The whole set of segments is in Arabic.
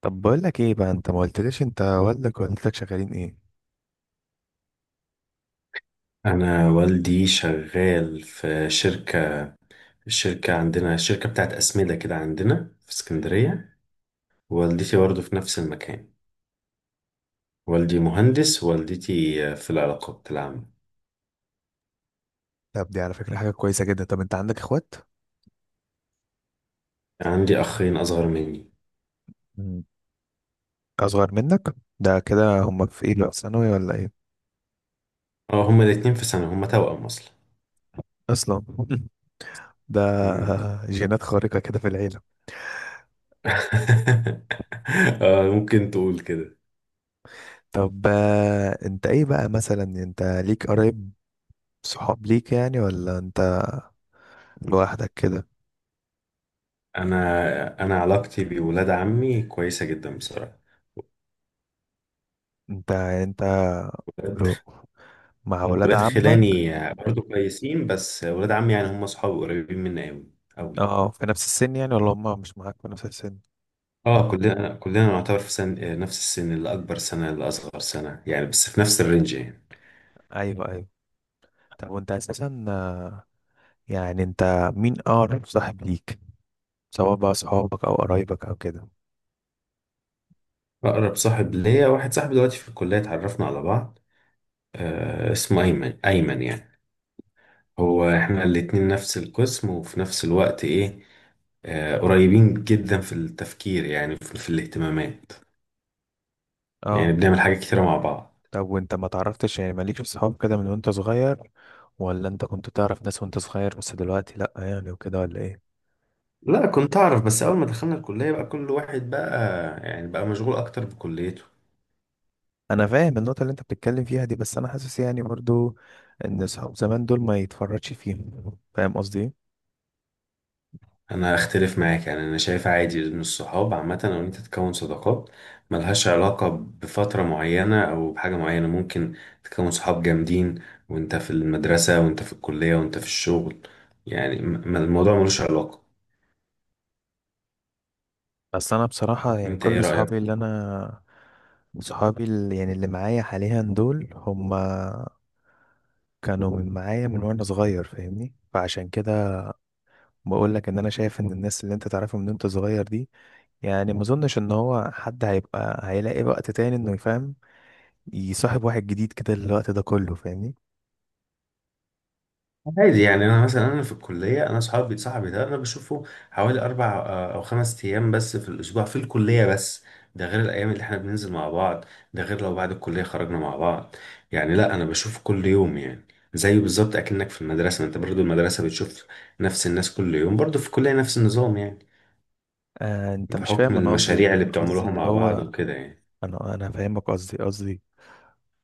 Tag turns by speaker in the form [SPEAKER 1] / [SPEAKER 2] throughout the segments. [SPEAKER 1] طب، بقول لك ايه بقى؟ انت ما قلتليش انت والدك ووالدتك شغالين ايه؟
[SPEAKER 2] أنا والدي شغال في شركة عندنا، شركة بتاعت أسمدة كده عندنا في اسكندرية. والدتي برضه في نفس المكان. والدي مهندس، والدتي في العلاقات العامة.
[SPEAKER 1] طب، دي على فكرة حاجة كويسة جدا. طب، انت عندك اخوات؟
[SPEAKER 2] عندي أخين أصغر مني.
[SPEAKER 1] مم. اصغر منك؟ ده كده هم في ايه بقى، في ثانوي ولا ايه؟
[SPEAKER 2] اه، هما الاتنين في سنة، هما توأم أصلا.
[SPEAKER 1] اصلا. ده
[SPEAKER 2] مم.
[SPEAKER 1] جينات خارقة كده في العيلة.
[SPEAKER 2] آه، ممكن تقول كده.
[SPEAKER 1] طب، انت ايه بقى؟ مثلا انت ليك قرايب، صحاب ليك يعني ولا انت لوحدك كده؟
[SPEAKER 2] أنا علاقتي بولاد عمي كويسة جدا بصراحة.
[SPEAKER 1] انت
[SPEAKER 2] ولاد
[SPEAKER 1] لو مع، لا، ولاد
[SPEAKER 2] ولاد
[SPEAKER 1] عمك.
[SPEAKER 2] خلاني برضه كويسين، بس ولاد عمي يعني هما صحابي قريبين مني أوي أوي.
[SPEAKER 1] اه، في نفس السن يعني ولا هم مش معاك في نفس السن؟
[SPEAKER 2] اه، كلنا نعتبر في سن، نفس السن، اللي اكبر سنه اللي اصغر سنه يعني، بس في نفس الرينج يعني.
[SPEAKER 1] ايوه، ايوه. طب، وانت اساسا يعني انت مين اقرب صاحب ليك؟ سواء بقى صحابك او قرايبك او كده.
[SPEAKER 2] اقرب صاحب ليا واحد صاحبي دلوقتي في الكليه، اتعرفنا على بعض. آه، اسمه ايمن، ايمن يعني. هو احنا الاتنين نفس القسم، وفي نفس الوقت ايه، آه قريبين جدا في التفكير، يعني في الاهتمامات. يعني
[SPEAKER 1] اه.
[SPEAKER 2] بنعمل حاجات كتيره مع بعض.
[SPEAKER 1] طب، وانت ما تعرفتش يعني؟ مالكش صحاب كده من وانت صغير ولا انت كنت تعرف ناس وانت صغير، بس دلوقتي لا يعني وكده ولا ايه؟
[SPEAKER 2] لا، كنت اعرف، بس اول ما دخلنا الكليه بقى كل واحد بقى يعني بقى مشغول اكتر بكليته.
[SPEAKER 1] انا فاهم النقطة اللي انت بتتكلم فيها دي، بس انا حاسس يعني برضو ان صحاب زمان دول ما يتفرجش فيهم. فاهم قصدي ايه؟
[SPEAKER 2] انا اختلف معاك، يعني انا شايف عادي ان الصحاب عامه، او إن انت تكون صداقات ملهاش علاقه بفتره معينه او بحاجه معينه. ممكن تكون صحاب جامدين وانت في المدرسه وانت في الكليه وانت في الشغل. يعني الموضوع ملوش علاقه.
[SPEAKER 1] بس انا بصراحة يعني
[SPEAKER 2] انت ايه
[SPEAKER 1] كل
[SPEAKER 2] رايك؟
[SPEAKER 1] صحابي اللي انا، صحابي اللي يعني اللي معايا حاليا، دول هما كانوا من معايا من وانا صغير، فاهمني؟ فعشان كده بقول لك ان انا شايف ان الناس اللي انت تعرفها من وانت صغير دي، يعني ما اظنش ان هو حد هيبقى هيلاقي وقت تاني انه يفهم، يصاحب واحد جديد كده الوقت ده كله. فاهمني؟
[SPEAKER 2] عادي، يعني انا مثلا، انا في الكليه انا صحابي صاحبي ده انا بشوفه حوالي اربع، او خمس ايام بس في الاسبوع، في الكليه بس. ده غير الايام اللي احنا بننزل مع بعض، ده غير لو بعد الكليه خرجنا مع بعض. يعني لا، انا بشوفه كل يوم يعني. زيه بالظبط اكنك في المدرسه، ما انت برضو المدرسه بتشوف نفس الناس كل يوم، برضو في الكليه نفس النظام يعني.
[SPEAKER 1] انت مش
[SPEAKER 2] بحكم
[SPEAKER 1] فاهم انا قصدي ايه؟
[SPEAKER 2] المشاريع اللي
[SPEAKER 1] أنا قصدي
[SPEAKER 2] بتعملوها
[SPEAKER 1] اللي
[SPEAKER 2] مع بعض
[SPEAKER 1] هو
[SPEAKER 2] وكده يعني.
[SPEAKER 1] انا فاهمك، قصدي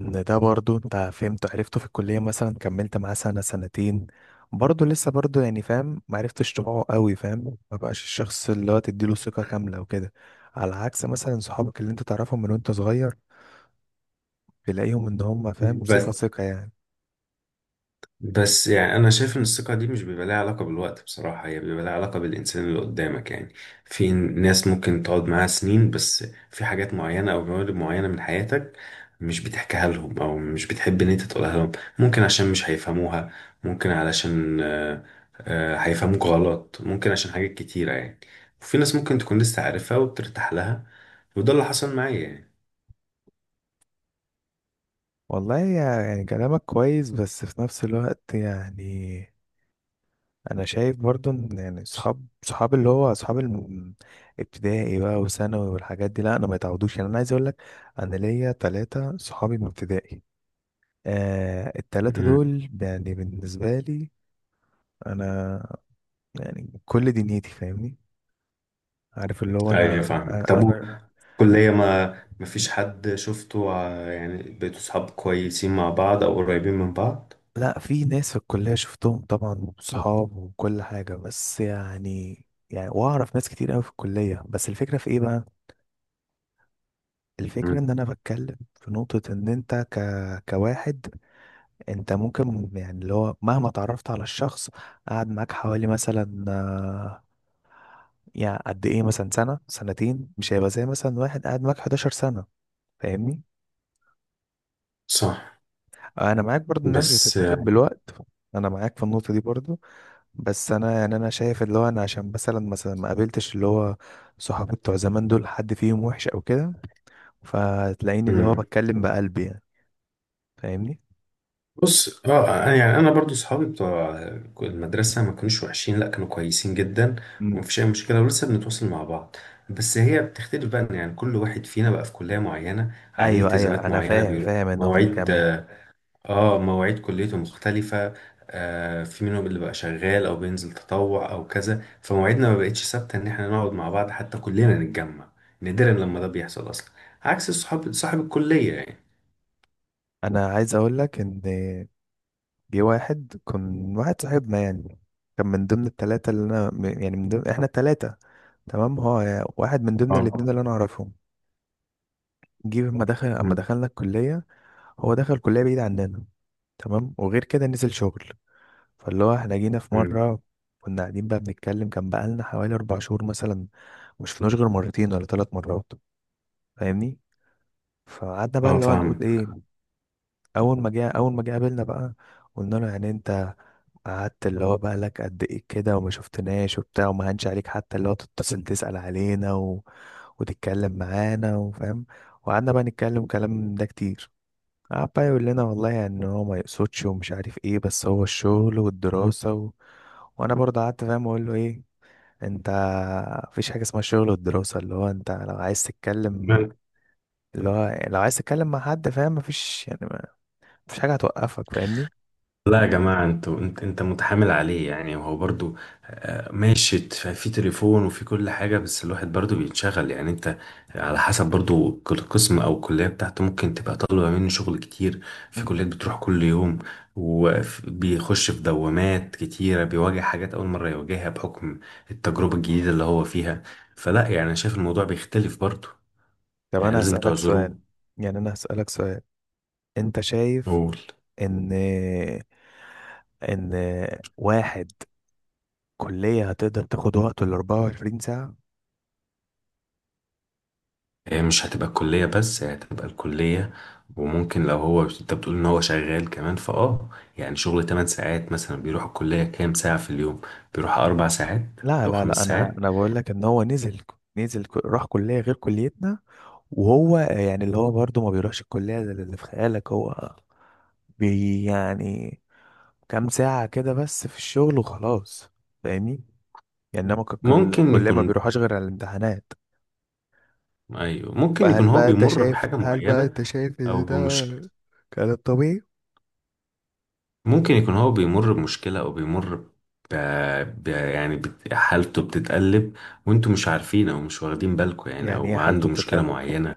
[SPEAKER 1] ان ده برضو انت فهمته عرفته في الكلية مثلا، كملت معاه سنة سنتين، برضه لسه برضه يعني فاهم ما عرفتش طباعه قوي، فاهم ما بقاش الشخص اللي هو تديله ثقة كاملة وكده. على عكس مثلا صحابك اللي انت تعرفهم من وانت صغير، تلاقيهم ان هم فاهم ثقة
[SPEAKER 2] بس
[SPEAKER 1] ثقة يعني.
[SPEAKER 2] بس يعني انا شايف ان الثقه دي مش بيبقى لها علاقه بالوقت، بصراحه هي بيبقى لها علاقه بالانسان اللي قدامك يعني. في ناس ممكن تقعد معاها سنين، بس في حاجات معينه او جوانب معينه من حياتك مش بتحكيها لهم، او مش بتحب ان انت تقولها لهم. ممكن عشان مش هيفهموها، ممكن علشان هيفهموك غلط، ممكن عشان حاجات كتيره يعني. وفي ناس ممكن تكون لسه عارفها وبترتاح لها، وده اللي حصل معايا يعني.
[SPEAKER 1] والله، يعني كلامك كويس بس في نفس الوقت يعني انا شايف برضو ان يعني صحاب اللي هو صحاب ابتدائي بقى وثانوي والحاجات دي، لا، انا ما يتعودوش. يعني انا عايز اقول لك، انا ليا 3 صحابي من ابتدائي. الثلاثة
[SPEAKER 2] امم.
[SPEAKER 1] دول يعني بالنسبة لي انا، يعني كل دنيتي. فاهمني؟ عارف اللي هو
[SPEAKER 2] ايوه،
[SPEAKER 1] انا.
[SPEAKER 2] فاهمك. طب
[SPEAKER 1] انا،
[SPEAKER 2] كلية، ما فيش حد شفته يعني بقيتوا صحاب كويسين مع بعض أو قريبين من بعض؟
[SPEAKER 1] لا، في ناس في الكلية شفتهم طبعا وصحاب وكل حاجة، بس يعني، يعني واعرف ناس كتير قوي في الكلية، بس الفكرة في ايه بقى؟ الفكرة
[SPEAKER 2] مم.
[SPEAKER 1] ان انا بتكلم في نقطة، ان انت كواحد، انت ممكن يعني اللي هو مهما اتعرفت على الشخص، قعد معاك حوالي مثلا، يعني قد ايه، مثلا سنة سنتين، مش هيبقى زي مثلا واحد قعد معاك 11 سنة. فاهمني؟
[SPEAKER 2] صح.
[SPEAKER 1] انا معاك برضو ان هي مش
[SPEAKER 2] بس.
[SPEAKER 1] بتتاخد بالوقت. انا معاك في النقطة دي برضو، بس انا يعني انا شايف اللي هو انا عشان مثلا ما قابلتش اللي هو صحابي بتوع زمان دول حد فيهم وحش او كده، فتلاقيني اللي هو
[SPEAKER 2] مم.
[SPEAKER 1] بتكلم بقلبي يعني. فاهمني؟
[SPEAKER 2] بص، اه، يعني انا برضو صحابي بتوع المدرسه ما كانوش وحشين، لا كانوا كويسين جدا.
[SPEAKER 1] امم
[SPEAKER 2] ومفيش اي مشكله ولسه بنتواصل مع بعض. بس هي بتختلف بقى، إن يعني كل واحد فينا بقى في كليه معينه، عليه
[SPEAKER 1] ايوه، ايوه،
[SPEAKER 2] التزامات
[SPEAKER 1] انا
[SPEAKER 2] معينه،
[SPEAKER 1] فاهم
[SPEAKER 2] بيروح
[SPEAKER 1] فاهم النقطه دي
[SPEAKER 2] مواعيد،
[SPEAKER 1] كمان.
[SPEAKER 2] اه مواعيد كليته مختلفة. في منهم اللي بقى شغال او بينزل تطوع او كذا، فمواعيدنا ما بقتش ثابتة ان احنا نقعد مع بعض حتى كلنا نتجمع. نادرا لما ده بيحصل اصلا. عكس الصحاب صاحب الكلية يعني.
[SPEAKER 1] انا عايز اقول لك ان جه واحد، كان واحد صاحبنا يعني، كان من ضمن الثلاثه اللي انا، يعني من ضمن احنا الثلاثه تمام، هو واحد من ضمن
[SPEAKER 2] اه.
[SPEAKER 1] الاثنين اللي انا اعرفهم. جه اما
[SPEAKER 2] مم.
[SPEAKER 1] دخلنا الكليه، هو دخل كليه بعيد عننا تمام، وغير كده نزل شغل. فاللي هو احنا جينا في
[SPEAKER 2] مم.
[SPEAKER 1] مرة، كنا قاعدين بقى بنتكلم، كان بقالنا حوالي 4 شهور مثلا، مشفناش غير مرتين ولا 3 مرات. فاهمني؟ فقعدنا بقى
[SPEAKER 2] اه،
[SPEAKER 1] اللي هو نقول
[SPEAKER 2] فاهمك.
[SPEAKER 1] ايه. أول ما جه قابلنا بقى، قلنا له يعني انت قعدت اللي هو بقى لك قد ايه كده وما شفتناش وبتاع، وما هنش عليك حتى اللي هو تتصل تسأل علينا وتتكلم معانا وفاهم، وقعدنا بقى نتكلم كلام ده كتير. قعد بقى يقول لنا، والله يعني ان هو ما يقصدش ومش عارف ايه، بس هو الشغل والدراسة وانا برضه قعدت فاهم اقول له ايه. انت مفيش حاجة اسمها شغل والدراسة، اللي هو انت لو عايز تتكلم، اللي هو لو عايز تتكلم مع حد فاهم، مفيش يعني ما... مفيش حاجة هتوقفك. فاهمني؟
[SPEAKER 2] لا يا جماعة، انت متحامل عليه، يعني هو برضو ماشي، في تليفون وفي كل حاجة، بس الواحد برضو بيتشغل، يعني انت على حسب، برضو كل قسم او الكلية بتاعته ممكن تبقى طالبة منه شغل كتير. في
[SPEAKER 1] مم.
[SPEAKER 2] كليات بتروح كل يوم، وبيخش في دوامات كتيرة، بيواجه حاجات أول مرة يواجهها بحكم التجربة الجديدة اللي هو فيها. فلا، يعني انا شايف الموضوع بيختلف برضو.
[SPEAKER 1] طب،
[SPEAKER 2] يعني
[SPEAKER 1] انا
[SPEAKER 2] لازم
[SPEAKER 1] هسألك سؤال،
[SPEAKER 2] تعذروه.
[SPEAKER 1] يعني انا هسألك سؤال. انت شايف
[SPEAKER 2] قول.
[SPEAKER 1] ان ان واحد كلية هتقدر تاخد وقته ال 24 ساعة؟
[SPEAKER 2] هي مش هتبقى الكلية بس، هي هتبقى الكلية وممكن لو هو، انت بتقول ان هو شغال كمان يعني شغل 8 ساعات مثلا، بيروح الكلية كام ساعة في اليوم؟ بيروح اربع ساعات
[SPEAKER 1] لا،
[SPEAKER 2] او
[SPEAKER 1] لا، لا،
[SPEAKER 2] خمس
[SPEAKER 1] انا
[SPEAKER 2] ساعات.
[SPEAKER 1] انا بقول لك ان هو راح كليه غير كليتنا، وهو يعني اللي هو برضه ما بيروحش الكليه زي اللي في خيالك. هو بي، يعني كام ساعه كده بس في الشغل وخلاص. فاهمني؟ يعني انما
[SPEAKER 2] ممكن
[SPEAKER 1] الكليه ما
[SPEAKER 2] يكون،
[SPEAKER 1] بيروحش غير على الامتحانات.
[SPEAKER 2] ايوه ممكن
[SPEAKER 1] فهل
[SPEAKER 2] يكون هو
[SPEAKER 1] بقى انت
[SPEAKER 2] بيمر
[SPEAKER 1] شايف
[SPEAKER 2] بحاجة
[SPEAKER 1] هل بقى
[SPEAKER 2] معينة
[SPEAKER 1] انت شايف
[SPEAKER 2] او
[SPEAKER 1] ان ده
[SPEAKER 2] بمشكلة.
[SPEAKER 1] كلام طبيعي؟
[SPEAKER 2] ممكن يكون هو بيمر بمشكلة او بيمر ب... يعني حالته بتتقلب، وانتوا مش عارفين او مش واخدين بالكم يعني،
[SPEAKER 1] يعني ايه
[SPEAKER 2] او
[SPEAKER 1] حالته
[SPEAKER 2] عنده مشكلة
[SPEAKER 1] بتتقلب؟
[SPEAKER 2] معينة.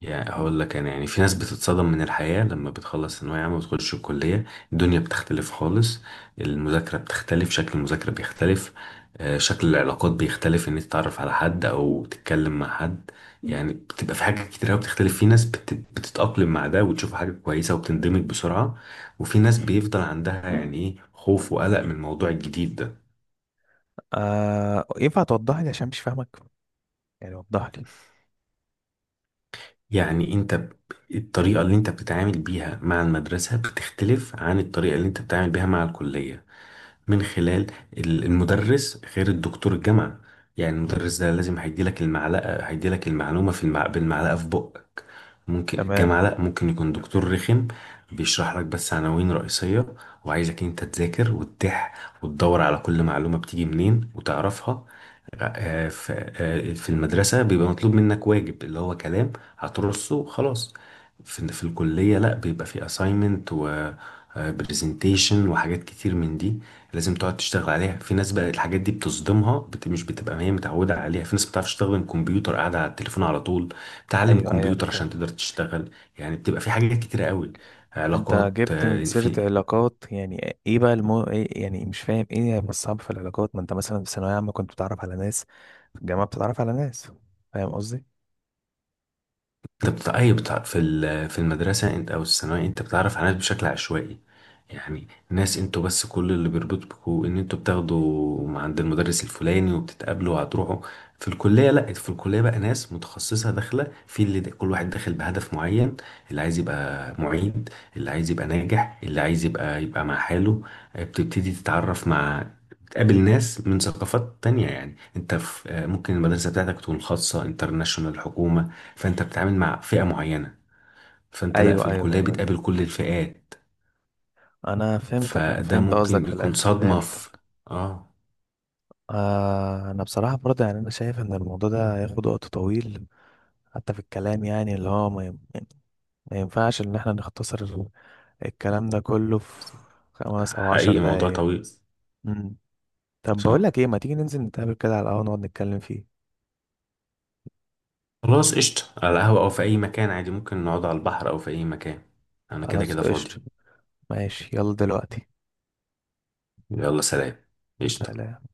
[SPEAKER 2] يعني هقول لك انا، يعني في ناس بتتصدم من الحياة لما بتخلص ثانوية عامة وتخش الكلية. الدنيا بتختلف خالص. المذاكرة بتختلف، شكل المذاكرة بيختلف. شكل العلاقات بيختلف، ان انت تتعرف على حد او تتكلم مع حد. يعني بتبقى في حاجات كتير قوي بتختلف، في ناس بتتأقلم مع ده وتشوف حاجة كويسة وبتندمج بسرعة، وفي ناس بيفضل عندها يعني ايه خوف وقلق من الموضوع الجديد ده.
[SPEAKER 1] ينفع توضح لي عشان مش فاهمك؟ يعني وضح لي.
[SPEAKER 2] يعني انت الطريقة اللي انت بتتعامل بيها مع المدرسة بتختلف عن الطريقة اللي انت بتتعامل بيها مع الكلية، من خلال المدرس غير الدكتور الجامعة. يعني المدرس ده لازم هيديلك المعلقة، هيديلك المعلومة في بالمعلقة في بقك. ممكن
[SPEAKER 1] تمام.
[SPEAKER 2] الجامعة لأ، ممكن يكون دكتور رخم بيشرح لك بس عناوين رئيسية، وعايزك انت تذاكر وتدور على كل معلومة بتيجي منين وتعرفها. آه، في في المدرسة بيبقى مطلوب منك واجب اللي هو كلام، هترصه خلاص. في الكلية لا، بيبقى في assignment و presentation وحاجات كتير من دي، لازم تقعد تشتغل عليها. في ناس بقى الحاجات دي بتصدمها، مش بتبقى هي متعودة عليها، في ناس بتعرفش تستخدم كمبيوتر، قاعدة على التليفون على طول، بتعلم
[SPEAKER 1] ايوه، ايوه، انا
[SPEAKER 2] كمبيوتر عشان
[SPEAKER 1] فاهم.
[SPEAKER 2] تقدر تشتغل. يعني بتبقى في حاجات كتيرة قوي،
[SPEAKER 1] انت
[SPEAKER 2] علاقات،
[SPEAKER 1] جبت من سيرة
[SPEAKER 2] في
[SPEAKER 1] علاقات، يعني ايه بقى إيه يعني؟ مش فاهم ايه بس صعب في العلاقات، ما انت مثلا في ثانوية عامة كنت بتتعرف على ناس، في الجامعة بتتعرف على ناس. فاهم قصدي؟
[SPEAKER 2] انت بتاع اي، بتاع في المدرسه انت او الثانويه، انت بتعرف على ناس بشكل عشوائي. يعني ناس انتوا بس، كل اللي بيربطكوا ان انتوا بتاخدوا مع عند المدرس الفلاني وبتتقابلوا وهتروحوا. في الكليه لا، في الكليه بقى ناس متخصصه داخله، في اللي كل واحد داخل بهدف معين. اللي عايز يبقى معيد، اللي عايز يبقى ناجح، اللي عايز يبقى مع حاله. بتبتدي تتعرف مع، تقابل ناس من ثقافات تانية. يعني انت في ممكن المدرسة بتاعتك تكون خاصة، انترناشونال، حكومة، فانت بتتعامل مع فئة معينة. فانت لا، في
[SPEAKER 1] ايوه،
[SPEAKER 2] الكلية
[SPEAKER 1] ايوه،
[SPEAKER 2] بتقابل كل الفئات.
[SPEAKER 1] انا فهمتك، انا
[SPEAKER 2] فده
[SPEAKER 1] فهمت قصدك
[SPEAKER 2] ممكن
[SPEAKER 1] في
[SPEAKER 2] يكون
[SPEAKER 1] الاخر،
[SPEAKER 2] صدمة
[SPEAKER 1] فهمت.
[SPEAKER 2] في. اه،
[SPEAKER 1] انا بصراحة برضه يعني انا شايف ان الموضوع ده هياخد وقت طويل، حتى في الكلام يعني اللي هو ما ينفعش ان احنا نختصر الكلام ده كله في خمس او عشر
[SPEAKER 2] حقيقي موضوع
[SPEAKER 1] دقايق
[SPEAKER 2] طويل.
[SPEAKER 1] مم. طب، بقول
[SPEAKER 2] صح.
[SPEAKER 1] لك ايه؟ ما تيجي ننزل نتقابل كده على القهوة نقعد نتكلم فيه.
[SPEAKER 2] خلاص قشطة، على القهوة او في اي مكان عادي، ممكن نقعد على البحر او في اي مكان. انا كده
[SPEAKER 1] خلاص،
[SPEAKER 2] كده فاضي.
[SPEAKER 1] قشطة. ماشي، يلا دلوقتي.
[SPEAKER 2] يلا سلام. قشطة.
[SPEAKER 1] سلام.